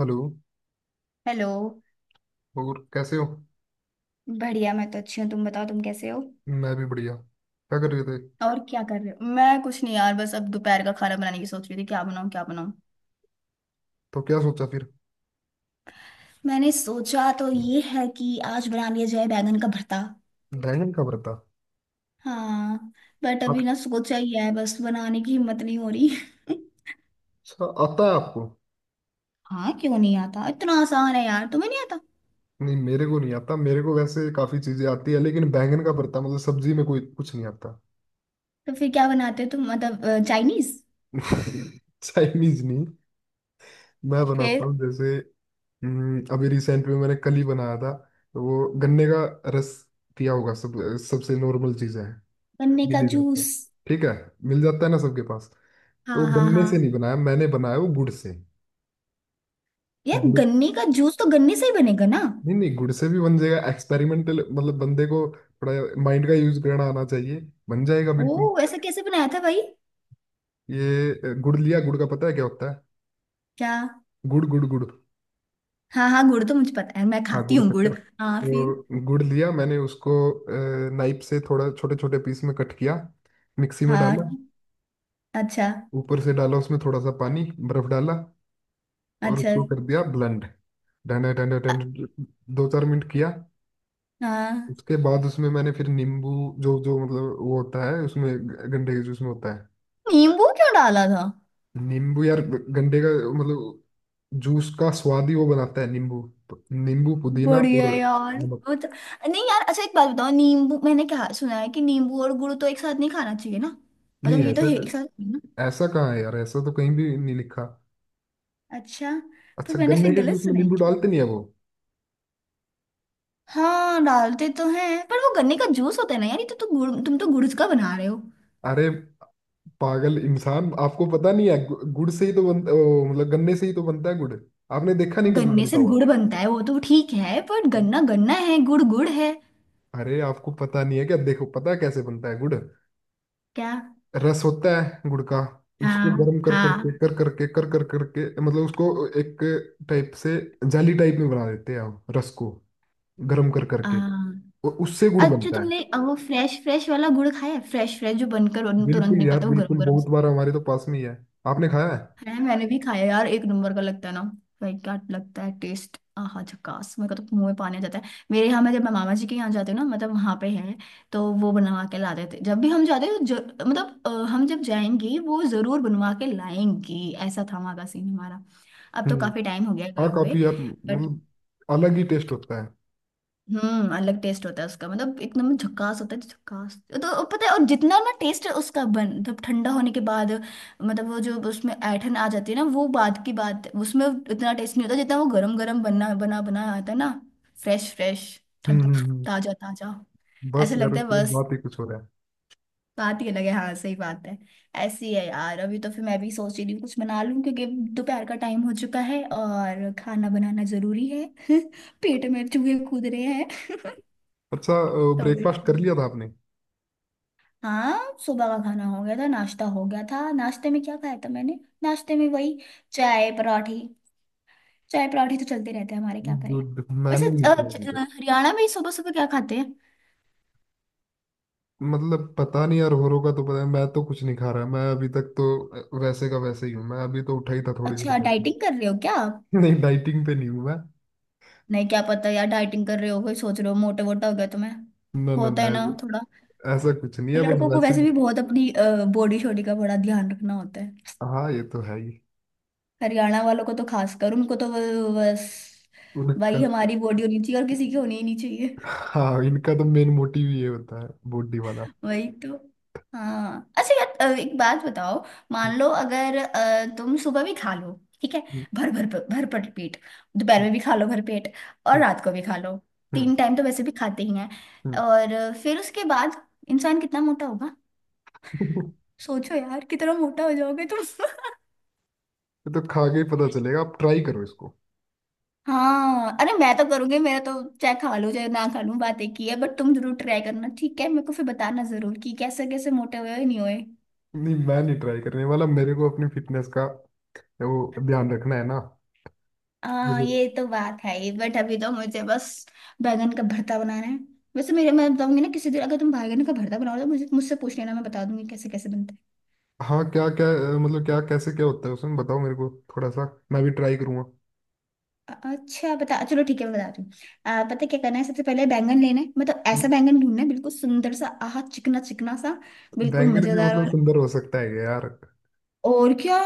Hello. Hello. और कैसे हो? बढ़िया, मैं तो अच्छी हूँ, तुम बताओ तुम कैसे हो? मैं भी बढ़िया। क्या कर रहे थे? और क्या कर रहे हो? मैं कुछ नहीं यार, बस अब दोपहर का खाना बनाने की सोच रही थी, क्या बनाऊँ क्या बनाऊँ। तो क्या सोचा फिर? मैंने सोचा तो ये है कि आज बना लिया जाए बैंगन का भरता। बैंगन का भरता, हाँ। बट अभी ना सोचा ही है, बस बनाने की हिम्मत नहीं हो रही। अच्छा आता है आपको? हाँ, क्यों नहीं आता? इतना आसान है यार, तुम्हें नहीं आता? नहीं, मेरे को नहीं आता। मेरे को वैसे काफी चीजें आती है लेकिन बैंगन का भरता मतलब सब्जी में कोई कुछ नहीं आता। तो फिर क्या बनाते हो तुम, मतलब चाइनीज? चाइनीज नहीं। मैं बनाता फिर? हूँ जैसे अभी रिसेंट में मैंने कल ही बनाया था। तो वो गन्ने का रस पिया होगा सब। सबसे नॉर्मल चीज है, गन्ने मिल का ही जाता है। जूस? ठीक है, मिल जाता है ना सबके पास। तो हाँ वो हाँ गन्ने से हाँ। नहीं बनाया, मैंने बनाया वो गुड़ से। यार गुड़। गन्ने का जूस तो गन्ने से ही बनेगा ना। नहीं नहीं, गुड़ से भी बन जाएगा एक्सपेरिमेंटल मतलब, बंदे को थोड़ा माइंड का यूज करना आना चाहिए, बन जाएगा बिल्कुल। ओ, ऐसा कैसे बनाया था भाई? ये गुड़ लिया। गुड़ का पता है क्या होता है? क्या? गुड़ गुड़ गुड़। हाँ हाँ, गुड़ तो मुझे पता है, मैं हाँ, खाती गुड़ हूँ गुड़। शक्कर। हाँ फिर। तो गुड़ लिया मैंने, उसको नाइफ से थोड़ा छोटे छोटे पीस में कट किया, मिक्सी में डाला, हाँ। अच्छा। ऊपर से डाला उसमें थोड़ा सा पानी, बर्फ डाला और अच्छा। उसको कर दिया ब्लेंड। डंडे डंडे अ- डंडे, दो चार मिनट किया। हाँ। उसके बाद उसमें मैंने फिर नींबू, जो जो मतलब वो होता है उसमें गंडे के जूस में होता है। नींबू क्यों डाला था? नींबू यार, गंडे का मतलब जूस का स्वाद ही वो बनाता है नींबू। नींबू, पुदीना और बढ़िया यार। नमक। वो तो। नहीं यार, अच्छा एक बात बताओ, नींबू, मैंने क्या सुना है कि नींबू और गुड़ तो एक साथ नहीं खाना चाहिए ना, मतलब नहीं ये तो ऐसा है एक साथ है ना? ऐसा कहाँ है यार, ऐसा तो कहीं भी नहीं लिखा। अच्छा। पर अच्छा, मैंने गन्ने फिर के गलत जूस में सुना है नींबू कि। डालते नहीं है वो? हाँ डालते तो हैं पर वो गन्ने का जूस होता है ना यार, ये तो गुड़, तुम तो गुड़ का बना रहे हो। अरे पागल इंसान, आपको पता नहीं है, गु- गुड़ से ही तो बनता ओ, मतलब गन्ने से ही तो बनता है गुड़। आपने देखा नहीं कभी गन्ने बनता से हुआ? गुड़ बनता है वो तो ठीक है, पर गन्ना गन्ना है, गुड़ गुड़ है। अरे आपको पता नहीं है क्या? देखो, पता है कैसे बनता है गुड़? क्या? रस होता है गुड़ का, उसको हाँ गर्म कर करके हाँ कर करके कर कर करके मतलब उसको एक टाइप से जाली टाइप में बना देते हैं हम, रस को गर्म कर करके, हाँ। और उससे गुड़ अच्छा बनता है। तुमने वो फ्रेश फ्रेश वाला गुड़ खाया है? फ्रेश फ्रेश जो बनकर तुरंत बिल्कुल यार निकलता है वो गरम बिल्कुल, गरम से? बहुत बार, हमारे तो पास में ही है। आपने खाया है? खाया है, मैंने भी खाया है यार, एक नंबर का लगता है ना। भाई क्या लगता है टेस्ट, आहा झकास! मेरे को तो मुंह में पानी आ जाता है। मेरे यहाँ, मैं जब मैं मामा जी के यहाँ जाती हूँ ना, मतलब वहाँ पे है तो वो बनवा के ला देते। जब भी हम जाते हैं तो हम जब जाएंगे वो जरूर बनवा के लाएंगी, ऐसा था वहाँ का सीन हमारा। अब तो हम्म काफी टाइम हो गया हाँ, गए हुए। काफी यार, मतलब अलग ही टेस्ट होता है। अलग टेस्ट होता है उसका, मतलब एकदम झकास होता है। तो झकास तो पता है, और जितना ना टेस्ट उसका बन, मतलब ठंडा होने के बाद, मतलब वो जो उसमें ऐठन आ जाती है ना, वो बाद की बात है, उसमें इतना टेस्ट नहीं होता जितना वो गरम गरम बना बना बना आता है ना। Fresh fresh. हम्म हम्म हम्म। ताजा ताजा। बस ऐसा यार, लगता है उसकी बस। बात ही कुछ हो रहा है। बात ही अलग है, हाँ सही बात है। ऐसी है यार, अभी तो फिर मैं भी सोच ही रही हूँ कुछ बना लूँ, क्योंकि दोपहर का टाइम हो चुका है और खाना बनाना जरूरी है। पेट में चूहे कूद रहे हैं। अच्छा, तो ब्रेकफास्ट कर वैसे। लिया था आपने? हाँ सुबह का खाना हो गया था, नाश्ता हो गया था। नाश्ते में क्या खाया था मैंने? नाश्ते में वही, चाय पराठी। चाय पराठी तो चलते रहते हैं हमारे, क्या करें। दूध वैसे मैंने नहीं किया अभी। हरियाणा में सुबह सुबह क्या खाते हैं? मतलब पता नहीं यार, होरो का तो पता है, मैं तो कुछ नहीं खा रहा, मैं अभी तक तो वैसे का वैसे ही हूँ, मैं अभी तो उठा ही था थोड़ी देर अच्छा पहले। डाइटिंग कर रहे हो क्या आप? नहीं, डाइटिंग पे नहीं हूँ मैं। नहीं क्या पता यार, डाइटिंग कर रहे हो कोई, सोच रहे हो मोटे वोटा हो गया तुम्हें। ना ना होता ना, है ना ऐसा थोड़ा। ऐसा कुछ नहीं है, बस लड़कों को वैसे वैसे भी ही। बहुत अपनी बॉडी शॉडी का बड़ा ध्यान रखना होता है। हाँ, ये तो है ही। हरियाणा वालों को तो खासकर, उनको तो बस। उनका। भाई हमारी बॉडी होनी चाहिए, और किसी की होनी ही नहीं चाहिए। हाँ, इनका तो मेन मोटिव ये होता है, बॉडी वाला। वही तो। हाँ अच्छा यार, एक बात बताओ। हम्म, मान लो, अगर तुम सुबह भी खा लो, ठीक है, हम्म, भर भर भर भर पेट, दोपहर में भी खा लो भर पेट, और हम्म, रात को भी खा लो, हम्म, तीन टाइम तो वैसे भी खाते ही हैं, हम्म। और फिर उसके बाद इंसान कितना मोटा होगा? सोचो यार कितना मोटा हो जाओगे तुम। ये तो खा के ही पता चलेगा, आप ट्राई करो इसको। हाँ अरे मैं तो करूंगी, मेरा तो चाहे खा लूं चाहे ना खा लूं बात एक ही है, बट तुम जरूर ट्राई करना ठीक है, मेरे को फिर बताना जरूर कि कैसे कैसे मोटे हुए हो या नहीं हुए। नहीं, मैं नहीं ट्राई करने वाला, मेरे को अपनी फिटनेस का वो ध्यान रखना है ना। हाँ ये तो बात है ही, बट अभी तो मुझे बस बैंगन का भरता बनाना है। वैसे मेरे, मैं बताऊंगी ना किसी दिन, अगर तुम बैंगन का भरता बनाओ तो मुझे, मुझसे पूछ लेना, मैं बता दूंगी कैसे कैसे बनता है। हाँ, क्या क्या? मतलब क्या, कैसे क्या होता है उसमें, बताओ मेरे को थोड़ा सा, मैं भी ट्राई करूंगा। अच्छा बता, चलो ठीक है, मैं बताती हूँ। पता है क्या करना है? सबसे पहले बैंगन लेना है। मतलब ऐसा बैंगन ढूंढना है, बिल्कुल सुंदर सा, आह चिकना चिकना सा, बिल्कुल बैंगन भी मजेदार मतलब वाला। सुंदर हो सकता है यार? और क्या।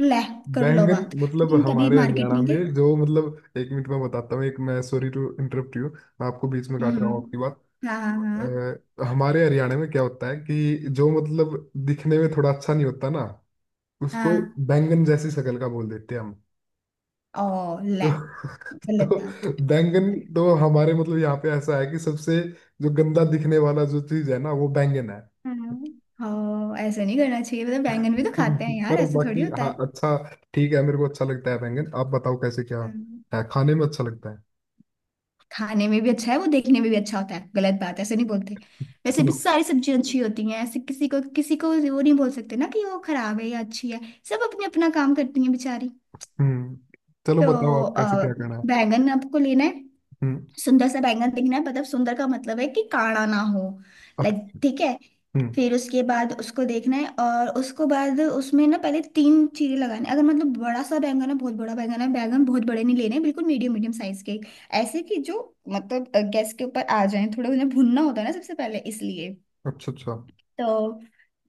ले, कर लो बैंगन बात। तो मतलब तुम कभी हमारे मार्केट हरियाणा नहीं गए? में जो मतलब, एक मिनट मैं बताता हूँ, एक मैं सॉरी टू इंटरप्ट यू, मैं आपको बीच में काट रहा हूँ हम्म। आपकी बात। हाँ हाँ हमारे हरियाणा में क्या होता है कि जो मतलब दिखने में थोड़ा अच्छा नहीं होता ना, उसको हाँ बैंगन जैसी शक्ल का बोल देते हैं हम। हाँ। ओ तो ले, गलत बात। तो बैंगन तो हमारे मतलब यहाँ पे ऐसा है कि सबसे जो गंदा दिखने वाला जो चीज है ना, वो बैंगन है। हम्म। हाँ, ऐसा नहीं करना चाहिए, मतलब बैंगन भी तो खाते हैं यार, पर ऐसे थोड़ी बाकी, होता है। हाँ, अच्छा, ठीक है, मेरे को अच्छा लगता है बैंगन। आप बताओ कैसे क्या हम्म, है, खाने में अच्छा लगता है। खाने में भी अच्छा है वो, देखने में भी अच्छा होता है। गलत बात है, ऐसे नहीं बोलते। वैसे भी चलो। सारी सब्जियां अच्छी होती हैं, ऐसे किसी को वो नहीं बोल सकते ना कि वो खराब है या अच्छी है। सब अपने अपना काम करती हैं बेचारी। हम्म। चलो बताओ, तो आप कैसे क्या करना है। बैंगन आपको लेना है। हम्म। सुंदर सा बैंगन दिखना है, मतलब सुंदर का मतलब है कि काड़ा ना हो, अ- लाइक, ठीक है। हम्म। फिर उसके बाद उसको देखना है, और उसको बाद उसमें ना पहले तीन चीरे लगाने, अगर मतलब बड़ा सा बैंगन है, बहुत बड़ा बैंगन है। बैंगन बहुत बड़े नहीं लेने, बिल्कुल मीडियम मीडियम साइज के, ऐसे कि जो मतलब गैस के ऊपर आ जाए, थोड़े उन्हें भुनना होता है ना सबसे पहले, इसलिए। अच्छा अच्छा तो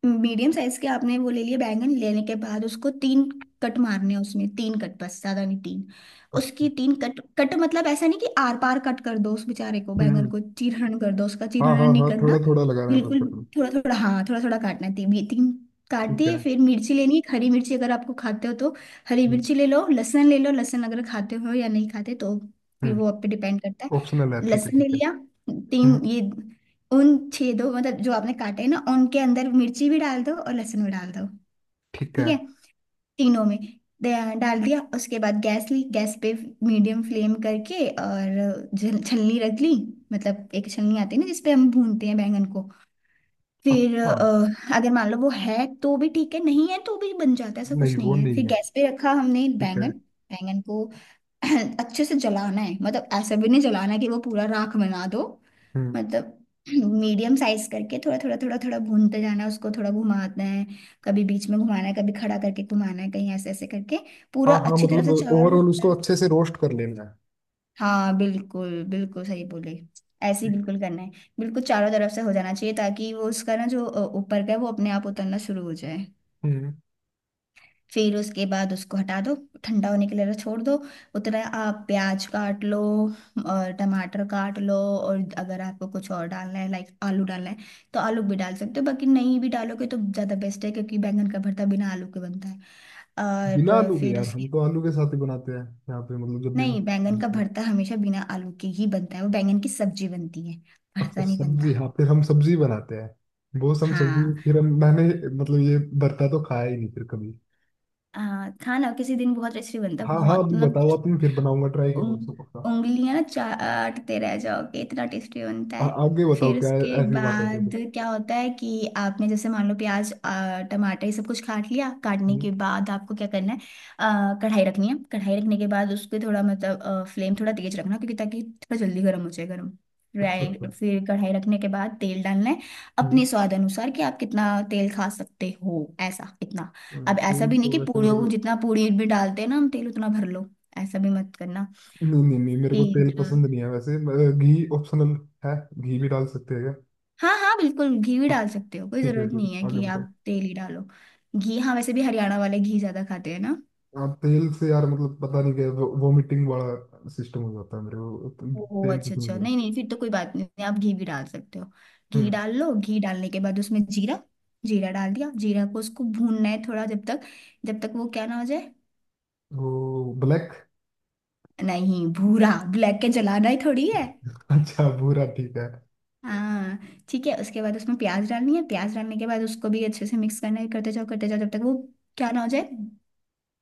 मीडियम साइज के आपने वो ले लिए। बैंगन लेने के बाद उसको तीन कट मारने हैं, उसमें तीन कट, बस ज्यादा नहीं, तीन। अच्छा, उसकी तीन कट, कट मतलब ऐसा नहीं कि आर पार कट कर दो उस बेचारे को, बैंगन हम्म। को चीरहरण कर दो, उसका हाँ हाँ चीरहरण नहीं हाँ, थोड़ा करना। थोड़ा लगा रहे हैं बस, बिल्कुल करूँ? थोड़ा थोड़ा, हाँ थोड़ा थोड़ा काटना है तीन, ये तीन काट ठीक दिए। है। फिर मिर्ची लेनी है एक हरी मिर्ची, अगर आपको खाते हो तो हरी हम्म मिर्ची ले लो। लहसुन ले लो, लहसुन अगर खाते हो या नहीं खाते तो फिर वो आप हम्म। पे डिपेंड करता ऑप्शनल है, है। ठीक है लहसुन ले ठीक है। लिया, तीन हम्म, ये उन छेदों, मतलब जो आपने काटे हैं ना, उनके अंदर मिर्ची भी डाल दो और लहसुन भी डाल दो। ठीक ठीक है, है। तीनों में दे- डाल दिया। उसके बाद गैस ली, गैस पे मीडियम फ्लेम करके, और छलनी रख ली। मतलब एक छलनी आती है ना जिसपे हम भूनते हैं बैंगन को। फिर अच्छा। अगर मान लो वो है तो भी ठीक है, नहीं है तो भी बन जाता है, ऐसा नहीं कुछ वो नहीं है। नहीं फिर है, गैस पे रखा हमने ठीक बैंगन। है। बैंगन को अच्छे से जलाना है, मतलब ऐसा भी नहीं जलाना है कि वो पूरा राख बना दो। हम्म। मतलब मीडियम साइज करके थोड़ा थोड़ा थोड़ा थोड़ा भूनते जाना है उसको, थोड़ा घुमाना है। कभी बीच में घुमाना है, कभी खड़ा करके घुमाना है, कहीं ऐसे ऐसे करके पूरा हाँ हाँ, अच्छी तरह मतलब से चारों ओवरऑल उसको तरफ। अच्छे से रोस्ट कर लेना है। हाँ बिल्कुल, बिल्कुल सही बोले। ऐसे ही बिल्कुल करना है। बिल्कुल चारों तरफ से हो जाना चाहिए, ताकि वो उसका ना जो ऊपर का है वो अपने आप उतरना शुरू हो जाए। हम्म। फिर उसके बाद उसको हटा दो, ठंडा होने के लिए छोड़ दो। उतना आप प्याज काट लो और टमाटर काट लो, और अगर आपको कुछ और डालना है, लाइक आलू डालना है, तो आलू भी डाल सकते हो, बाकी नहीं भी डालोगे तो ज़्यादा बेस्ट है, क्योंकि बैंगन का भरता बिना आलू के बनता है। बिना और आलू के फिर यार, उसके। हम तो आलू के साथ ही बनाते हैं यहाँ पे, मतलब जब भी। नहीं, बैंगन का भरता हमेशा बिना आलू के ही बनता है, वो बैंगन की सब्जी बनती है, अच्छा, भरता नहीं सब्जी, बनता। हाँ, फिर हम सब्जी बनाते हैं बहुत, हम सब्जी, हाँ फिर हम मैंने मतलब ये भरता तो खाया ही नहीं फिर कभी। खाना किसी दिन बहुत टेस्टी बनता है, हाँ हाँ, बहुत अभी मतलब। बताओ आप, मैं फिर बनाऊंगा, ट्राई करूंगा इसको पक्का। उंग- उंगलियां चाटते रह जाओगे, इतना टेस्टी बनता है। आगे बताओ फिर क्या है, उसके ऐसी बात है तो। बाद क्या होता है कि आपने जैसे मान लो प्याज टमाटर, ये सब कुछ काट लिया। काटने हम्म, के बाद आपको क्या करना है? कढ़ाई रखनी है। कढ़ाई रखने के बाद उसको थोड़ा, मतलब फ्लेम थोड़ा तेज रखना, क्योंकि, ताकि थोड़ा जल्दी गर्म हो जाए गर्म। अच्छा राइट, अच्छा। फिर कढ़ाई रखने के बाद तेल डालना है, अपने हम्म, स्वाद अनुसार कि आप कितना तेल खा सकते हो, ऐसा इतना। अब ऐसा तेल भी नहीं तो कि वैसे पूरे मेरे को। जितना पूरी भी डालते हैं ना हम तेल, उतना भर लो, ऐसा भी मत करना। नहीं नहीं नहीं, मेरे को तेल, तेल पसंद नहीं है वैसे। घी ऑप्शनल है? घी भी डाल सकते हैं क्या? हाँ हाँ बिल्कुल घी भी हाँ, डाल सकते हो, कोई जरूरत ठीक नहीं है है आगे कि आप बताओ। तेल ही डालो। घी, हाँ वैसे भी हरियाणा वाले घी ज्यादा खाते हैं ना। हाँ, तेल से यार मतलब पता नहीं क्या वो, वोमिटिंग वाला सिस्टम हो जाता है मेरे को तो, ओह तेल अच्छा कुछ अच्छा, नहीं है। नहीं नहीं, फिर तो कोई बात नहीं, आप घी भी डाल सकते हो। घी हम्म, डाल लो। घी डालने के बाद उसमें जीरा, जीरा डाल दिया। जीरा को उसको भूनना है थोड़ा, जब तक, जब तक वो क्या ना हो जाए? वो ब्लैक? नहीं भूरा, ब्लैक के जलाना ही थोड़ी है। अच्छा, भूरा ठीक है। हाँ ठीक है। उसके बाद उसमें प्याज डालनी है, प्याज डालने के बाद उसको भी अच्छे से मिक्स करना है, करते जाओ जब तक वो क्या ना हो जाए,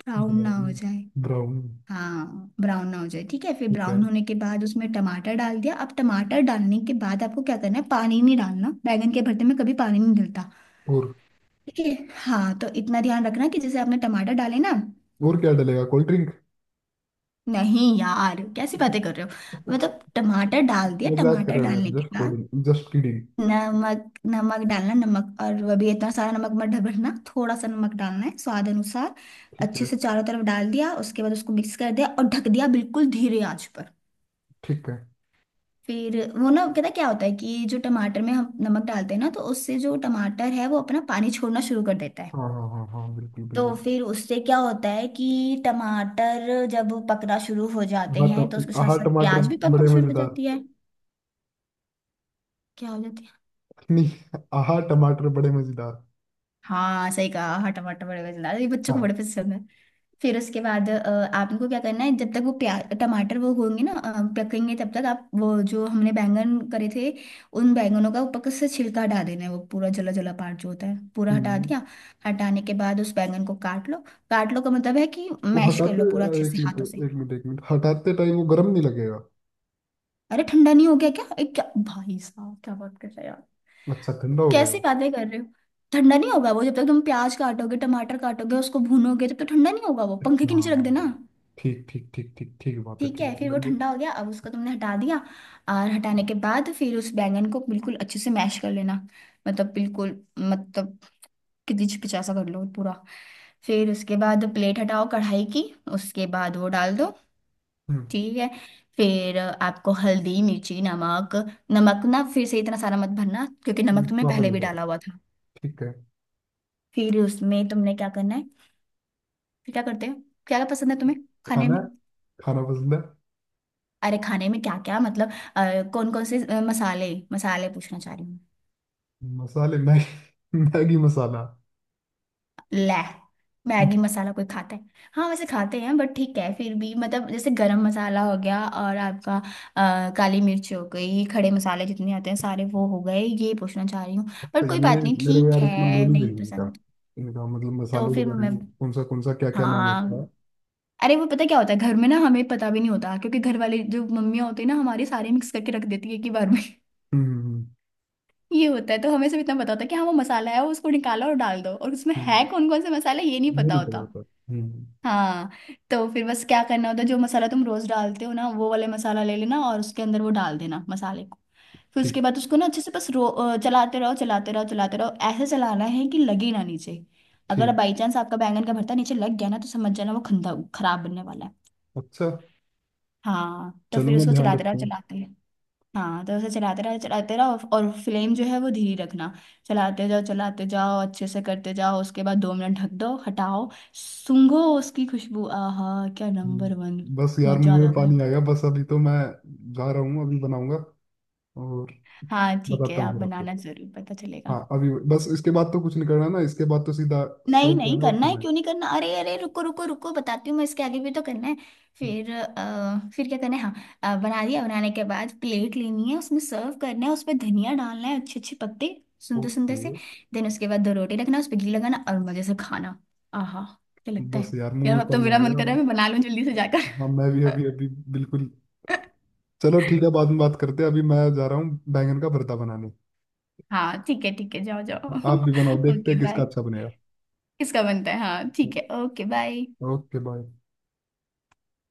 ब्राउन ना हो ब्राउन, जाए। ब्राउन। हाँ ब्राउन ना हो जाए ठीक है। फिर ठीक है। ब्राउन होने के बाद उसमें टमाटर डाल दिया। अब टमाटर डालने के बाद आपको क्या करना है? पानी नहीं डालना, बैंगन के भरते में कभी पानी नहीं डलता। और ठीक है। हाँ तो इतना ध्यान रखना कि जैसे आपने टमाटर डाले ना, और क्या डलेगा, कोल्ड ड्रिंक? नहीं। यार कैसी बातें कर रहे हो। मतलब टमाटर डाल दिया। मजाक कर टमाटर रहे हो यार, डालने के जस्ट बाद कोल्ड, जस्ट किडिंग। नमक, नमक डालना। नमक और वो भी इतना सारा नमक मत भरना, थोड़ा सा नमक डालना है, स्वाद अनुसार। ठीक अच्छे है से चारों तरफ डाल दिया, उसके बाद उसको मिक्स कर दिया और ढक दिया, बिल्कुल धीरे आंच पर। ठीक है। फिर वो ना, कहता क्या होता है कि जो टमाटर में हम नमक डालते हैं ना, तो उससे जो टमाटर है वो अपना पानी छोड़ना शुरू कर देता है। हाँ हाँ हाँ हाँ, बिल्कुल तो बिल्कुल। फिर उससे क्या होता है कि टमाटर जब पकना शुरू हो जाते हैं, तो उसके साथ आहा साथ टमाटर प्याज भी बड़े पकनी शुरू हो मजेदार। जाती है। क्या हो जाती है? नहीं, आहा टमाटर बड़े मजेदार। हाँ सही कहा। हाँ, टमाटर बड़े पसंद आता है ये, बच्चों को हाँ। बड़े पसंद है। फिर उसके बाद आप इनको क्या करना है, जब तक वो प्याज टमाटर वो होंगे ना, पकेंगे, तब तक आप वो जो हमने बैंगन करे थे, उन बैंगनों का ऊपर से छिलका हटा देना है। वो पूरा जला जला पार्ट जो होता है, पूरा हटा हम्म, दिया। हटाने के बाद उस बैंगन को काट लो। काट लो का मतलब है कि वो मैश कर हटाते लो पूरा अच्छे एक से मिनट हाथों से। एक मिनट, हटाते टाइम वो गर्म नहीं लगेगा? अरे ठंडा नहीं हो गया क्या? क्या भाई साहब, क्या बात कर रहे हैं। अच्छा, ठंडा हो गया कैसी है। बातें कर रहे हो। ठंडा नहीं होगा? वो जब तक तुम प्याज काटोगे, टमाटर काटोगे, उसको भूनोगे, तब तक ठंडा नहीं होगा। वो हाँ पंखे के नीचे हाँ, रख देना। हाँ। ठीक ठीक ठीक ठीक, ठीक बात है, ठीक ठीक है, है फिर वो बंदे। ठंडा हो गया। अब उसको तुमने हटा दिया और हटाने के बाद फिर उस बैंगन को बिल्कुल अच्छे से मैश कर लेना। मतलब बिल्कुल, मतलब कितनी पिचा सा कर लो पूरा। फिर उसके बाद प्लेट हटाओ कढ़ाई की, उसके बाद वो डाल दो। हम्म, ठीक है, फिर आपको हल्दी, मिर्ची, नमक। नमक ना फिर से इतना सारा मत भरना, क्योंकि नमक इस तुमने बात पहले में भी जाओ, डाला हुआ था। ठीक है। फिर उसमें तुमने क्या करना है? फिर क्या करते हैं, क्या पसंद है तुम्हें खाने खाना? में? खाना पसंद है। अरे खाने में क्या क्या मतलब, कौन कौन से मसाले, मसाले पूछना चाह रही हूँ। मसाले, मैगी मैगी मसाला। ले, मैगी मसाला कोई खाता है? हाँ वैसे खाते हैं, बट ठीक है, फिर भी मतलब जैसे गरम मसाला हो गया, और आपका काली मिर्च हो गई, खड़े मसाले जितने आते हैं सारे, वो हो गए, ये पूछना चाह रही हूँ। पर तो कोई ये बात नहीं, मेरे को ठीक यार इतना है, नॉलेज नहीं नहीं है इनका। पसंद। इनका मतलब तो मसालों के फिर बारे मैं, में कौन सा कौन सा, क्या क्या नाम होता है। हाँ, अरे वो पता क्या होता है, घर में ना हमें पता भी नहीं होता, क्योंकि घर वाले जो मम्मियाँ होती है ना, हमारे सारे मिक्स करके रख देती है एक ही बार में। हम्म। ये होता है, तो हमें सिर्फ इतना पता होता है कि हाँ वो मसाला है वो, उसको निकालो और डाल दो। और उसमें हम्म, है कौन कौन से मसाला, ये नहीं ये पता नहीं पता होता। होता। हम्म हम्म। हाँ, तो फिर बस क्या करना होता है, जो मसाला तुम रोज डालते हो ना, वो वाले मसाला ले लेना और उसके अंदर वो डाल देना, मसाले को। फिर ठीक उसके बाद उसको ना अच्छे से बस चलाते रहो, चलाते रहो। ऐसे चलाना है कि लगे ना नीचे। अगर ठीक, बाई चांस आपका बैंगन का भरता नीचे लग गया ना, तो समझ जाना वो खंदा खराब बनने वाला है। अच्छा। हाँ, तो चलो, फिर मैं उसको ध्यान चलाते रहो, रखता हूँ। चलाते, हाँ तो उसे चलाते रहो, और फ्लेम जो है वो धीरे रखना। चलाते जाओ, अच्छे से करते जाओ। उसके बाद 2 मिनट ढक दो, हटाओ, सूंघो उसकी खुशबू। आहा क्या, नंबर 1। हम्म, बस यार मुंह मजा आ में जाता है। पानी आ गया, बस अभी तो मैं जा रहा हूँ, अभी बनाऊंगा और हाँ ठीक है, बताता हूँ आप फिर आपको। बनाना जरूर, पता चलेगा। हाँ अभी बस, इसके बाद तो कुछ नहीं करना ना, इसके बाद तो सीधा नहीं सर्व नहीं, करना और करना है, खाना क्यों नहीं करना। अरे अरे रुको रुको रुको, बताती हूँ मैं, इसके आगे भी तो करना है। है? फिर फिर क्या करना है, हाँ, बना दिया। बनाने के बाद प्लेट लेनी है, उसमें सर्व करना है, उसमें धनिया डालना है अच्छे अच्छे पत्ते, सुंदर सुंदर ओके। से। देन उसके बाद 2 रोटी रखना, उस पर घी लगाना और मजे से खाना। आहा, क्या लगता बस है? यार, मुंह यार में अब तो पानी मेरा आ मन गया कर रहा अब। है मैं बना लूँ जल्दी से जाकर। हाँ, मैं भी अभी अभी, बिल्कुल। चलो ठीक है, बाद में बात करते हैं, अभी मैं जा रहा हूँ बैंगन का भरता बनाने। हाँ ठीक है ठीक है, जाओ जाओ। आप भी बनाओ, देखते हैं ओके किसका बाय। अच्छा बनेगा। इसका बनता है, हाँ ठीक है, ओके बाय। Okay bye.